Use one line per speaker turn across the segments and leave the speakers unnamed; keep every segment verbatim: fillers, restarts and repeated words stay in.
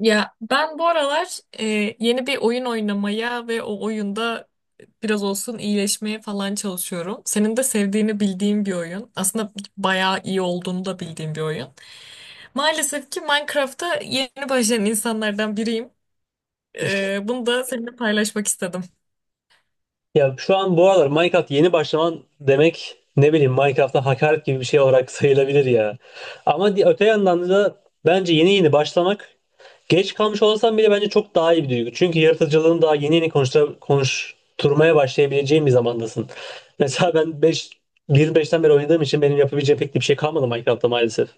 Ya ben bu aralar e, yeni bir oyun oynamaya ve o oyunda biraz olsun iyileşmeye falan çalışıyorum. Senin de sevdiğini bildiğim bir oyun. Aslında bayağı iyi olduğunu da bildiğim bir oyun. Maalesef ki Minecraft'ta yeni başlayan insanlardan biriyim. E, bunu da seninle paylaşmak istedim.
Ya şu an bu aralar Minecraft yeni başlaman demek ne bileyim Minecraft'a hakaret gibi bir şey olarak sayılabilir ya. Ama di- öte yandan da bence yeni yeni başlamak geç kalmış olsam bile bence çok daha iyi bir duygu. Çünkü yaratıcılığını daha yeni yeni konuştura, konuşturmaya başlayabileceğin bir zamandasın. Mesela ben beş bir nokta beşten beri oynadığım için benim yapabileceğim pek de bir şey kalmadı Minecraft'ta maalesef.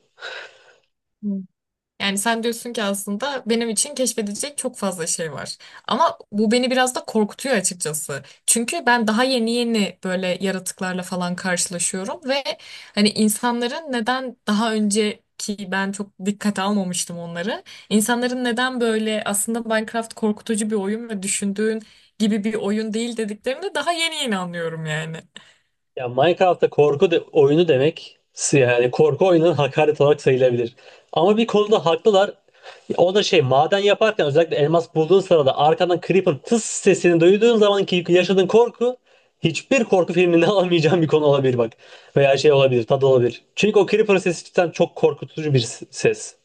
Yani sen diyorsun ki aslında benim için keşfedecek çok fazla şey var. Ama bu beni biraz da korkutuyor açıkçası. Çünkü ben daha yeni yeni böyle yaratıklarla falan karşılaşıyorum ve hani insanların neden daha önce ki ben çok dikkate almamıştım onları. İnsanların neden böyle aslında Minecraft korkutucu bir oyun ve düşündüğün gibi bir oyun değil dediklerini daha yeni yeni anlıyorum yani.
Ya Minecraft'ta korku de, oyunu demek yani korku oyunun hakaret olarak sayılabilir. Ama bir konuda haklılar. O da şey maden yaparken özellikle elmas bulduğun sırada arkadan creep'in tıs sesini duyduğun zamanki yaşadığın korku hiçbir korku filminde alamayacağın bir konu olabilir bak. Veya şey olabilir, tadı olabilir. Çünkü o creeper sesi cidden çok korkutucu bir s- ses.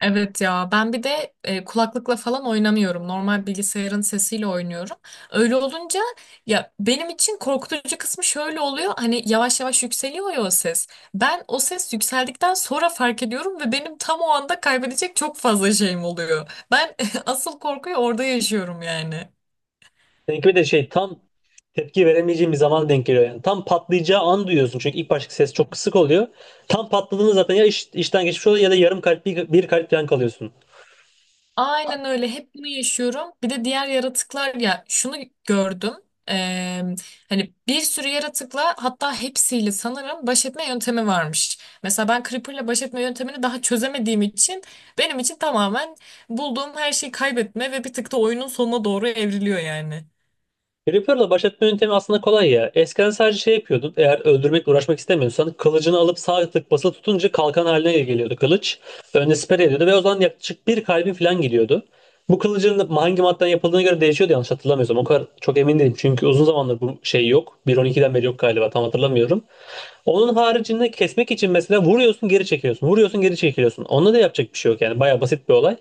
Evet ya ben bir de e, kulaklıkla falan oynamıyorum. Normal bilgisayarın sesiyle oynuyorum. Öyle olunca ya benim için korkutucu kısmı şöyle oluyor. Hani yavaş yavaş yükseliyor ya o ses. Ben o ses yükseldikten sonra fark ediyorum ve benim tam o anda kaybedecek çok fazla şeyim oluyor. Ben asıl korkuyu orada yaşıyorum yani.
Seninki bir de şey tam tepki veremeyeceğim bir zaman denk geliyor yani. Tam patlayacağı an duyuyorsun çünkü ilk baştaki ses çok kısık oluyor. Tam patladığında zaten ya iş- işten geçmiş oluyor ya da yarım kalp bir, bir kalp falan kalıyorsun.
Aynen öyle. Hep bunu yaşıyorum. Bir de diğer yaratıklar ya şunu gördüm. Ee, Hani bir sürü yaratıkla hatta hepsiyle sanırım baş etme yöntemi varmış. Mesela ben Creeper'la baş etme yöntemini daha çözemediğim için benim için tamamen bulduğum her şeyi kaybetme ve bir tık da oyunun sonuna doğru evriliyor yani.
Creeper'la baş etme yöntemi aslında kolay ya. Eskiden sadece şey yapıyordun. Eğer öldürmekle uğraşmak istemiyorsan kılıcını alıp sağ tık basılı tutunca kalkan haline geliyordu kılıç. Önüne siper ediyordu ve o zaman yaklaşık bir kalbin falan gidiyordu. Bu kılıcın da hangi maddeden yapıldığına göre değişiyordu yanlış hatırlamıyorsam. O kadar çok emin değilim çünkü uzun zamandır bu şey yok. bir nokta on ikiden beri yok galiba tam hatırlamıyorum. Onun haricinde kesmek için mesela vuruyorsun geri çekiliyorsun. Vuruyorsun geri çekiliyorsun. Onda da yapacak bir şey yok yani. Baya basit bir olay.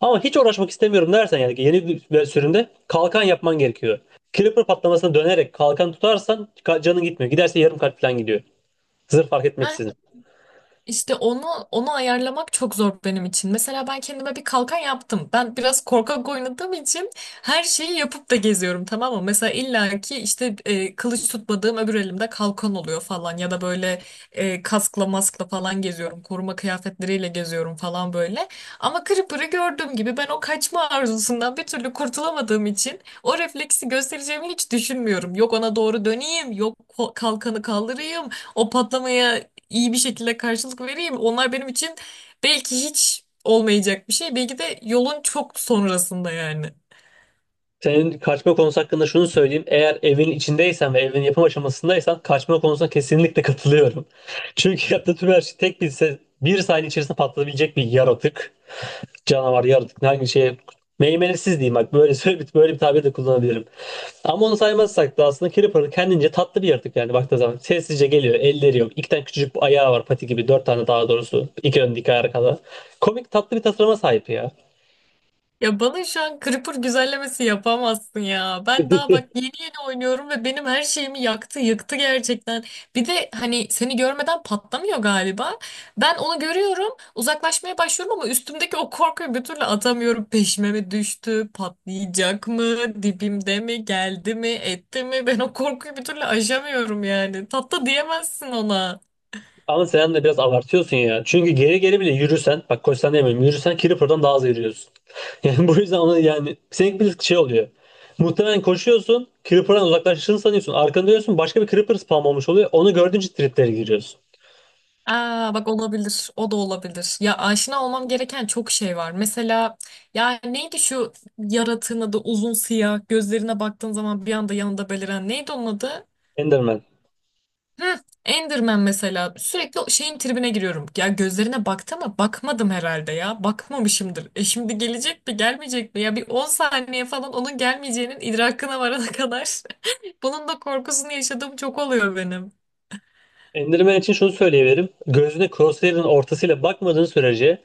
Ama hiç uğraşmak istemiyorum dersen yani yeni bir sürümde kalkan yapman gerekiyor. Creeper patlamasına dönerek kalkan tutarsan ka- canın gitmiyor. Giderse yarım kalp falan gidiyor. Zırh fark etmeksizin.
İşte onu onu ayarlamak çok zor benim için. Mesela ben kendime bir kalkan yaptım. Ben biraz korkak oynadığım için her şeyi yapıp da geziyorum, tamam mı? Mesela illaki işte e, kılıç tutmadığım öbür elimde kalkan oluyor falan ya da böyle e, kaskla maskla falan geziyorum. Koruma kıyafetleriyle geziyorum falan böyle. Ama Creeper'ı gördüğüm gibi ben o kaçma arzusundan bir türlü kurtulamadığım için o refleksi göstereceğimi hiç düşünmüyorum. Yok ona doğru döneyim, yok ko- kalkanı kaldırayım. O patlamaya iyi bir şekilde karşılık vereyim. Onlar benim için belki hiç olmayacak bir şey. Belki de yolun çok sonrasında yani.
Senin kaçma konusu hakkında şunu söyleyeyim. Eğer evin içindeysen ve evin yapım aşamasındaysan kaçma konusuna kesinlikle katılıyorum. Çünkü yaptığı tüm her şey tek bir, se- bir saniye içerisinde patlayabilecek bir yaratık. Canavar, yaratık hangi şey meymenetsiz diyeyim bak böyle böyle bir, böyle bir tabir de kullanabilirim. Ama onu saymazsak da aslında Creeper kendince tatlı bir yaratık yani baktığı zaman. Sessizce geliyor, elleri yok. İki tane küçücük bir ayağı var pati gibi. Dört tane daha doğrusu. İki ön iki ayağa kadar. Komik tatlı bir tasarıma sahip ya.
Ya bana şu an Creeper güzellemesi yapamazsın ya. Ben daha bak yeni yeni oynuyorum ve benim her şeyimi yaktı, yıktı gerçekten. Bir de hani seni görmeden patlamıyor galiba. Ben onu görüyorum, uzaklaşmaya başlıyorum ama üstümdeki o korkuyu bir türlü atamıyorum. Peşime mi düştü, patlayacak mı, dibimde mi, geldi mi, etti mi? Ben o korkuyu bir türlü aşamıyorum yani. Tatlı diyemezsin ona.
Ama sen de biraz abartıyorsun ya. Çünkü geri geri bile yürürsen, bak koşsan demiyorum, yürürsen Creeper'dan daha hızlı yürüyorsun. Yani bu yüzden ona yani senin bir şey oluyor. Muhtemelen koşuyorsun, Creeper'dan uzaklaştığını sanıyorsun. Arkanda diyorsun başka bir Creeper spam olmuş oluyor. Onu gördüğünce triplere giriyorsun.
Aa, bak olabilir. O da olabilir. Ya aşina olmam gereken çok şey var. Mesela ya neydi şu yaratığın adı, uzun siyah gözlerine baktığın zaman bir anda yanında beliren, neydi onun adı?
Enderman.
Hı, Enderman mesela. Sürekli o şeyin tribine giriyorum. Ya gözlerine baktı ama bakmadım herhalde ya. Bakmamışımdır. E şimdi gelecek mi gelmeyecek mi? Ya bir on saniye falan onun gelmeyeceğinin idrakına varana kadar. Bunun da korkusunu yaşadığım çok oluyor benim.
Enderman için şunu söyleyebilirim. Gözüne Crosshair'ın ortasıyla bakmadığın sürece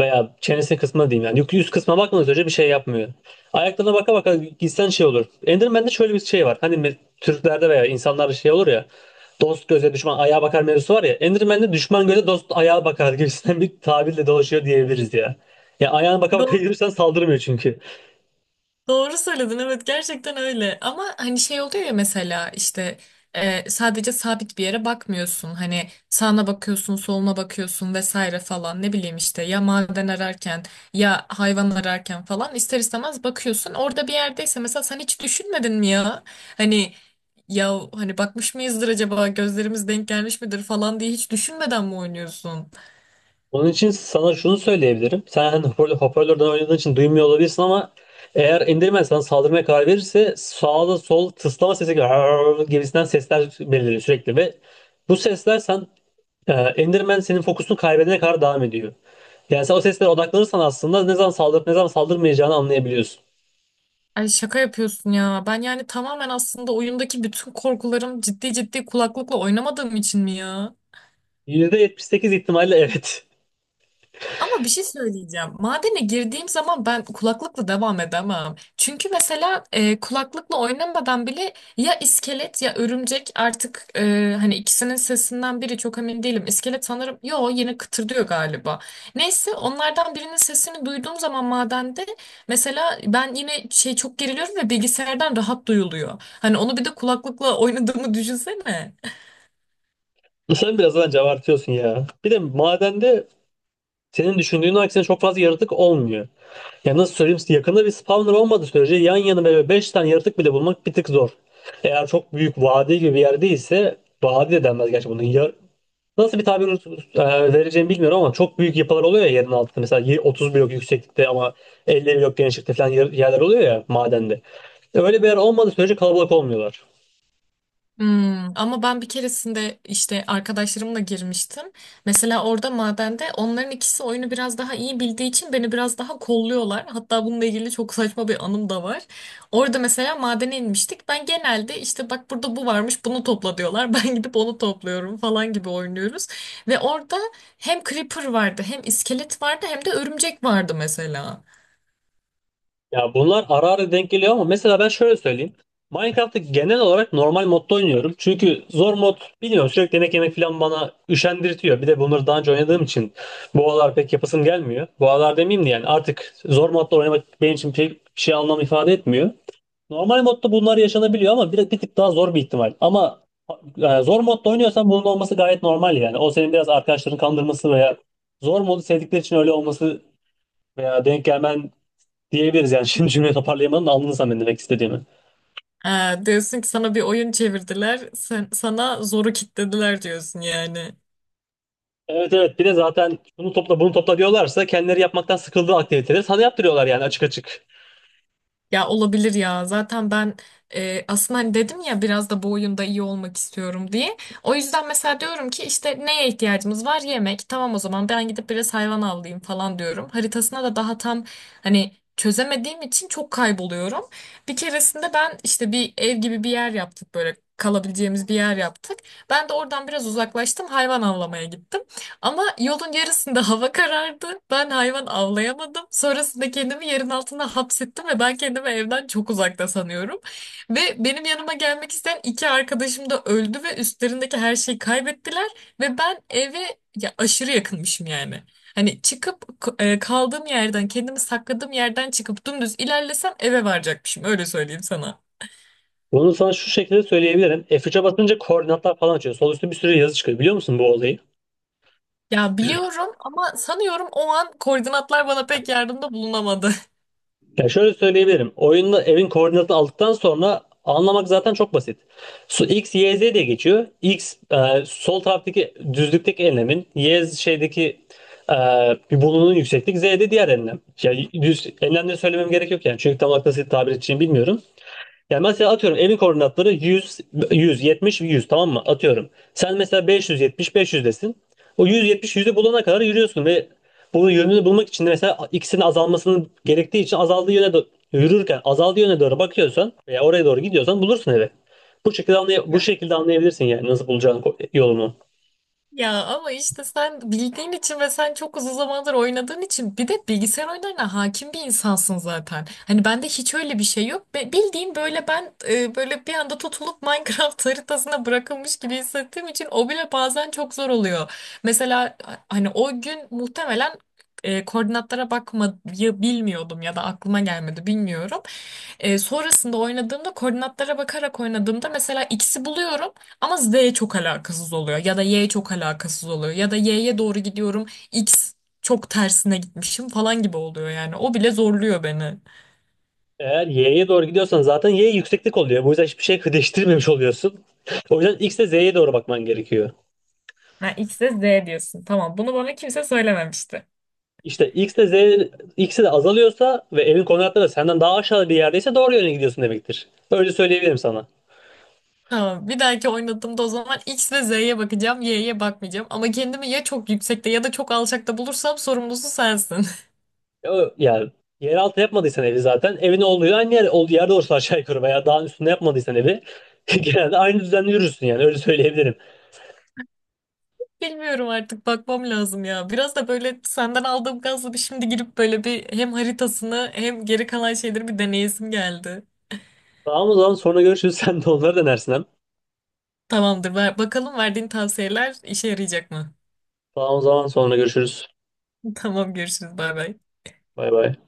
veya çenesinin kısmına diyeyim yani yük- yüz kısmına bakmadığın sürece bir şey yapmıyor. Ayaklarına baka baka gitsen şey olur. Enderman'de şöyle bir şey var. Hani me- Türklerde veya insanlarda şey olur ya. Dost göze düşman ayağa bakar mevzusu var ya. Enderman'de düşman göze dost ayağa bakar gibisinden bir tabirle dolaşıyor diyebiliriz ya. Ya ayağına baka baka yürürsen saldırmıyor çünkü.
Doğru söyledin, evet, gerçekten öyle ama hani şey oluyor ya mesela işte e, sadece sabit bir yere bakmıyorsun, hani sağına bakıyorsun soluna bakıyorsun vesaire falan, ne bileyim işte ya maden ararken ya hayvan ararken falan ister istemez bakıyorsun, orada bir yerdeyse mesela sen hiç düşünmedin mi ya hani ya hani bakmış mıyızdır acaba, gözlerimiz denk gelmiş midir falan diye hiç düşünmeden mi oynuyorsun?
Onun için sana şunu söyleyebilirim. Sen hani hoparlör, hoparlörden oynadığın için duymuyor olabilirsin ama eğer indirmen sana saldırmaya karar verirse sağda sol tıslama sesi gibi, "Arr" gibisinden sesler beliriyor sürekli ve bu sesler sen e, Enderman senin fokusunu kaybedene kadar devam ediyor. Yani sen o seslere odaklanırsan aslında ne zaman saldırıp ne zaman saldırmayacağını anlayabiliyorsun.
Ay şaka yapıyorsun ya. Ben yani tamamen aslında oyundaki bütün korkularım ciddi ciddi kulaklıkla oynamadığım için mi ya?
yüzde yetmiş sekiz ihtimalle evet.
Ama bir şey söyleyeceğim. Madene girdiğim zaman ben kulaklıkla devam edemem. Çünkü mesela e, kulaklıkla oynamadan bile ya iskelet ya örümcek artık e, hani ikisinin sesinden biri çok emin değilim. İskelet sanırım yo yine kıtırdıyor galiba. Neyse onlardan birinin sesini duyduğum zaman madende mesela ben yine şey çok geriliyorum ve bilgisayardan rahat duyuluyor. Hani onu bir de kulaklıkla oynadığımı düşünsene.
Sen biraz bence abartıyorsun ya. Bir de madende senin düşündüğün aksine çok fazla yaratık olmuyor. Ya nasıl söyleyeyim size, yakında bir spawner olmadığı sürece yan yana böyle beş tane yaratık bile bulmak bir tık zor. Eğer çok büyük vadi gibi bir yer değilse vadi de denmez gerçi bunun. Yar- nasıl bir tabir e, vereceğimi bilmiyorum ama çok büyük yapılar oluyor ya yerin altında. Mesela y- otuz blok yükseklikte ama elli blok genişlikte falan yer- yerler oluyor ya madende. Öyle bir yer olmadığı sürece kalabalık olmuyorlar.
Hmm, ama ben bir keresinde işte arkadaşlarımla girmiştim. Mesela orada madende onların ikisi oyunu biraz daha iyi bildiği için beni biraz daha kolluyorlar. Hatta bununla ilgili çok saçma bir anım da var. Orada mesela madene inmiştik. Ben genelde işte bak burada bu varmış bunu topla diyorlar. Ben gidip onu topluyorum falan gibi oynuyoruz. Ve orada hem creeper vardı hem iskelet vardı hem de örümcek vardı mesela.
Ya bunlar ara ara denk geliyor ama mesela ben şöyle söyleyeyim. Minecraft'ı genel olarak normal modda oynuyorum. Çünkü zor mod bilmiyorum sürekli yemek yemek falan bana üşendirtiyor. Bir de bunları daha önce oynadığım için bu aralar pek yapasım gelmiyor. Bu aralar demeyeyim de yani artık zor modda oynamak benim için pek bir şey anlam ifade etmiyor. Normal modda bunlar yaşanabiliyor ama bir, bir tık daha zor bir ihtimal. Ama e, zor modda oynuyorsan bunun olması gayet normal yani. O senin biraz arkadaşların kandırması veya zor modu sevdikleri için öyle olması veya denk gelmen diyebiliriz yani. Şimdi cümleyi toparlayamadım da anladın sen benim demek istediğimi.
Ee, diyorsun ki sana bir oyun çevirdiler. Sen, sana zoru kilitlediler diyorsun yani.
Evet evet bir de zaten bunu topla bunu topla diyorlarsa kendileri yapmaktan sıkıldığı aktiviteleri sana yaptırıyorlar yani açık açık.
Ya olabilir ya. Zaten ben e, aslında hani dedim ya biraz da bu oyunda iyi olmak istiyorum diye. O yüzden mesela diyorum ki işte neye ihtiyacımız var? Yemek. Tamam, o zaman ben gidip biraz hayvan avlayayım falan diyorum. Haritasına da daha tam hani çözemediğim için çok kayboluyorum. Bir keresinde ben işte bir ev gibi bir yer yaptık, böyle kalabileceğimiz bir yer yaptık. Ben de oradan biraz uzaklaştım, hayvan avlamaya gittim. Ama yolun yarısında hava karardı. Ben hayvan avlayamadım. Sonrasında kendimi yerin altına hapsettim ve ben kendimi evden çok uzakta sanıyorum. Ve benim yanıma gelmek isteyen iki arkadaşım da öldü ve üstlerindeki her şeyi kaybettiler. Ve ben eve ya aşırı yakınmışım yani. Hani çıkıp k- e, kaldığım yerden, kendimi sakladığım yerden çıkıp dümdüz ilerlesem eve varacakmışım. Öyle söyleyeyim sana.
Bunu sana şu şekilde söyleyebilirim. F üçe basınca koordinatlar falan açıyor. Sol üstte bir sürü yazı çıkıyor. Biliyor musun bu olayı?
Ya biliyorum ama sanıyorum o an koordinatlar bana pek yardımda bulunamadı.
Ya şöyle söyleyebilirim. Oyunda evin koordinatını aldıktan sonra anlamak zaten çok basit. Su X, Y, Z diye geçiyor. X e, sol taraftaki düzlükteki enlemin, Y şeydeki e, bir bulunun yükseklik, Z de diğer enlem. Ya düz enlemleri söylemem gerek yok yani. Çünkü tam olarak nasıl tabir edeceğimi bilmiyorum. Yani mesela atıyorum evin koordinatları yüz, yüz yetmiş, yüz tamam mı? Atıyorum. Sen mesela beş yüz yetmiş, beş yüzdesin. O yüz yetmiş, yüzü bulana kadar yürüyorsun ve bunun yönünü bulmak için de mesela ikisinin azalmasının gerektiği için azaldığı yöne do- yürürken azaldığı yöne doğru bakıyorsan veya oraya doğru gidiyorsan bulursun evi. Bu şekilde anlay- bu şekilde anlayabilirsin yani nasıl bulacağın ko- yolunu.
Ya ama işte sen bildiğin için ve sen çok uzun zamandır oynadığın için bir de bilgisayar oyunlarına hakim bir insansın zaten. Hani bende hiç öyle bir şey yok. Be- Bildiğin böyle ben e, böyle bir anda tutulup Minecraft haritasına bırakılmış gibi hissettiğim için o bile bazen çok zor oluyor. Mesela hani o gün muhtemelen e, koordinatlara bakmayı bilmiyordum ya da aklıma gelmedi bilmiyorum. E, sonrasında oynadığımda, koordinatlara bakarak oynadığımda mesela x'i buluyorum. Ama Z çok alakasız oluyor ya da Y çok alakasız oluyor ya da Y'ye doğru gidiyorum X çok tersine gitmişim falan gibi oluyor yani. O bile zorluyor beni.
Eğer y'ye doğru gidiyorsan zaten y yükseklik oluyor. Bu yüzden hiçbir şey değiştirmemiş oluyorsun. O yüzden x'e z'ye doğru bakman gerekiyor.
Ha, X'e Z diyorsun. Tamam, bunu bana kimse söylememişti.
İşte X de Z ikisi de azalıyorsa ve evin koordinatları da senden daha aşağı bir yerdeyse doğru yöne gidiyorsun demektir. Öyle söyleyebilirim sana.
Tamam, bir dahaki oynadığımda o zaman X ve Z'ye bakacağım, Y'ye bakmayacağım. Ama kendimi ya çok yüksekte ya da çok alçakta bulursam sorumlusu sensin.
Ya, o- yani yeraltı yapmadıysan evi zaten evin olduğu aynı yer, olduğu yerde olursa aşağı yukarı veya dağın üstünde yapmadıysan evi genelde aynı düzende yürürsün yani öyle söyleyebilirim.
Bilmiyorum artık bakmam lazım ya. Biraz da böyle senden aldığım gazla bir şimdi girip böyle bir hem haritasını hem geri kalan şeyleri bir deneyesim geldi.
Tamam o zaman sonra görüşürüz. Sen de onları denersin hem.
Tamamdır. Ver, bakalım verdiğin tavsiyeler işe yarayacak mı?
Tamam o zaman sonra görüşürüz.
Tamam, görüşürüz. Bay bay.
Bay bay.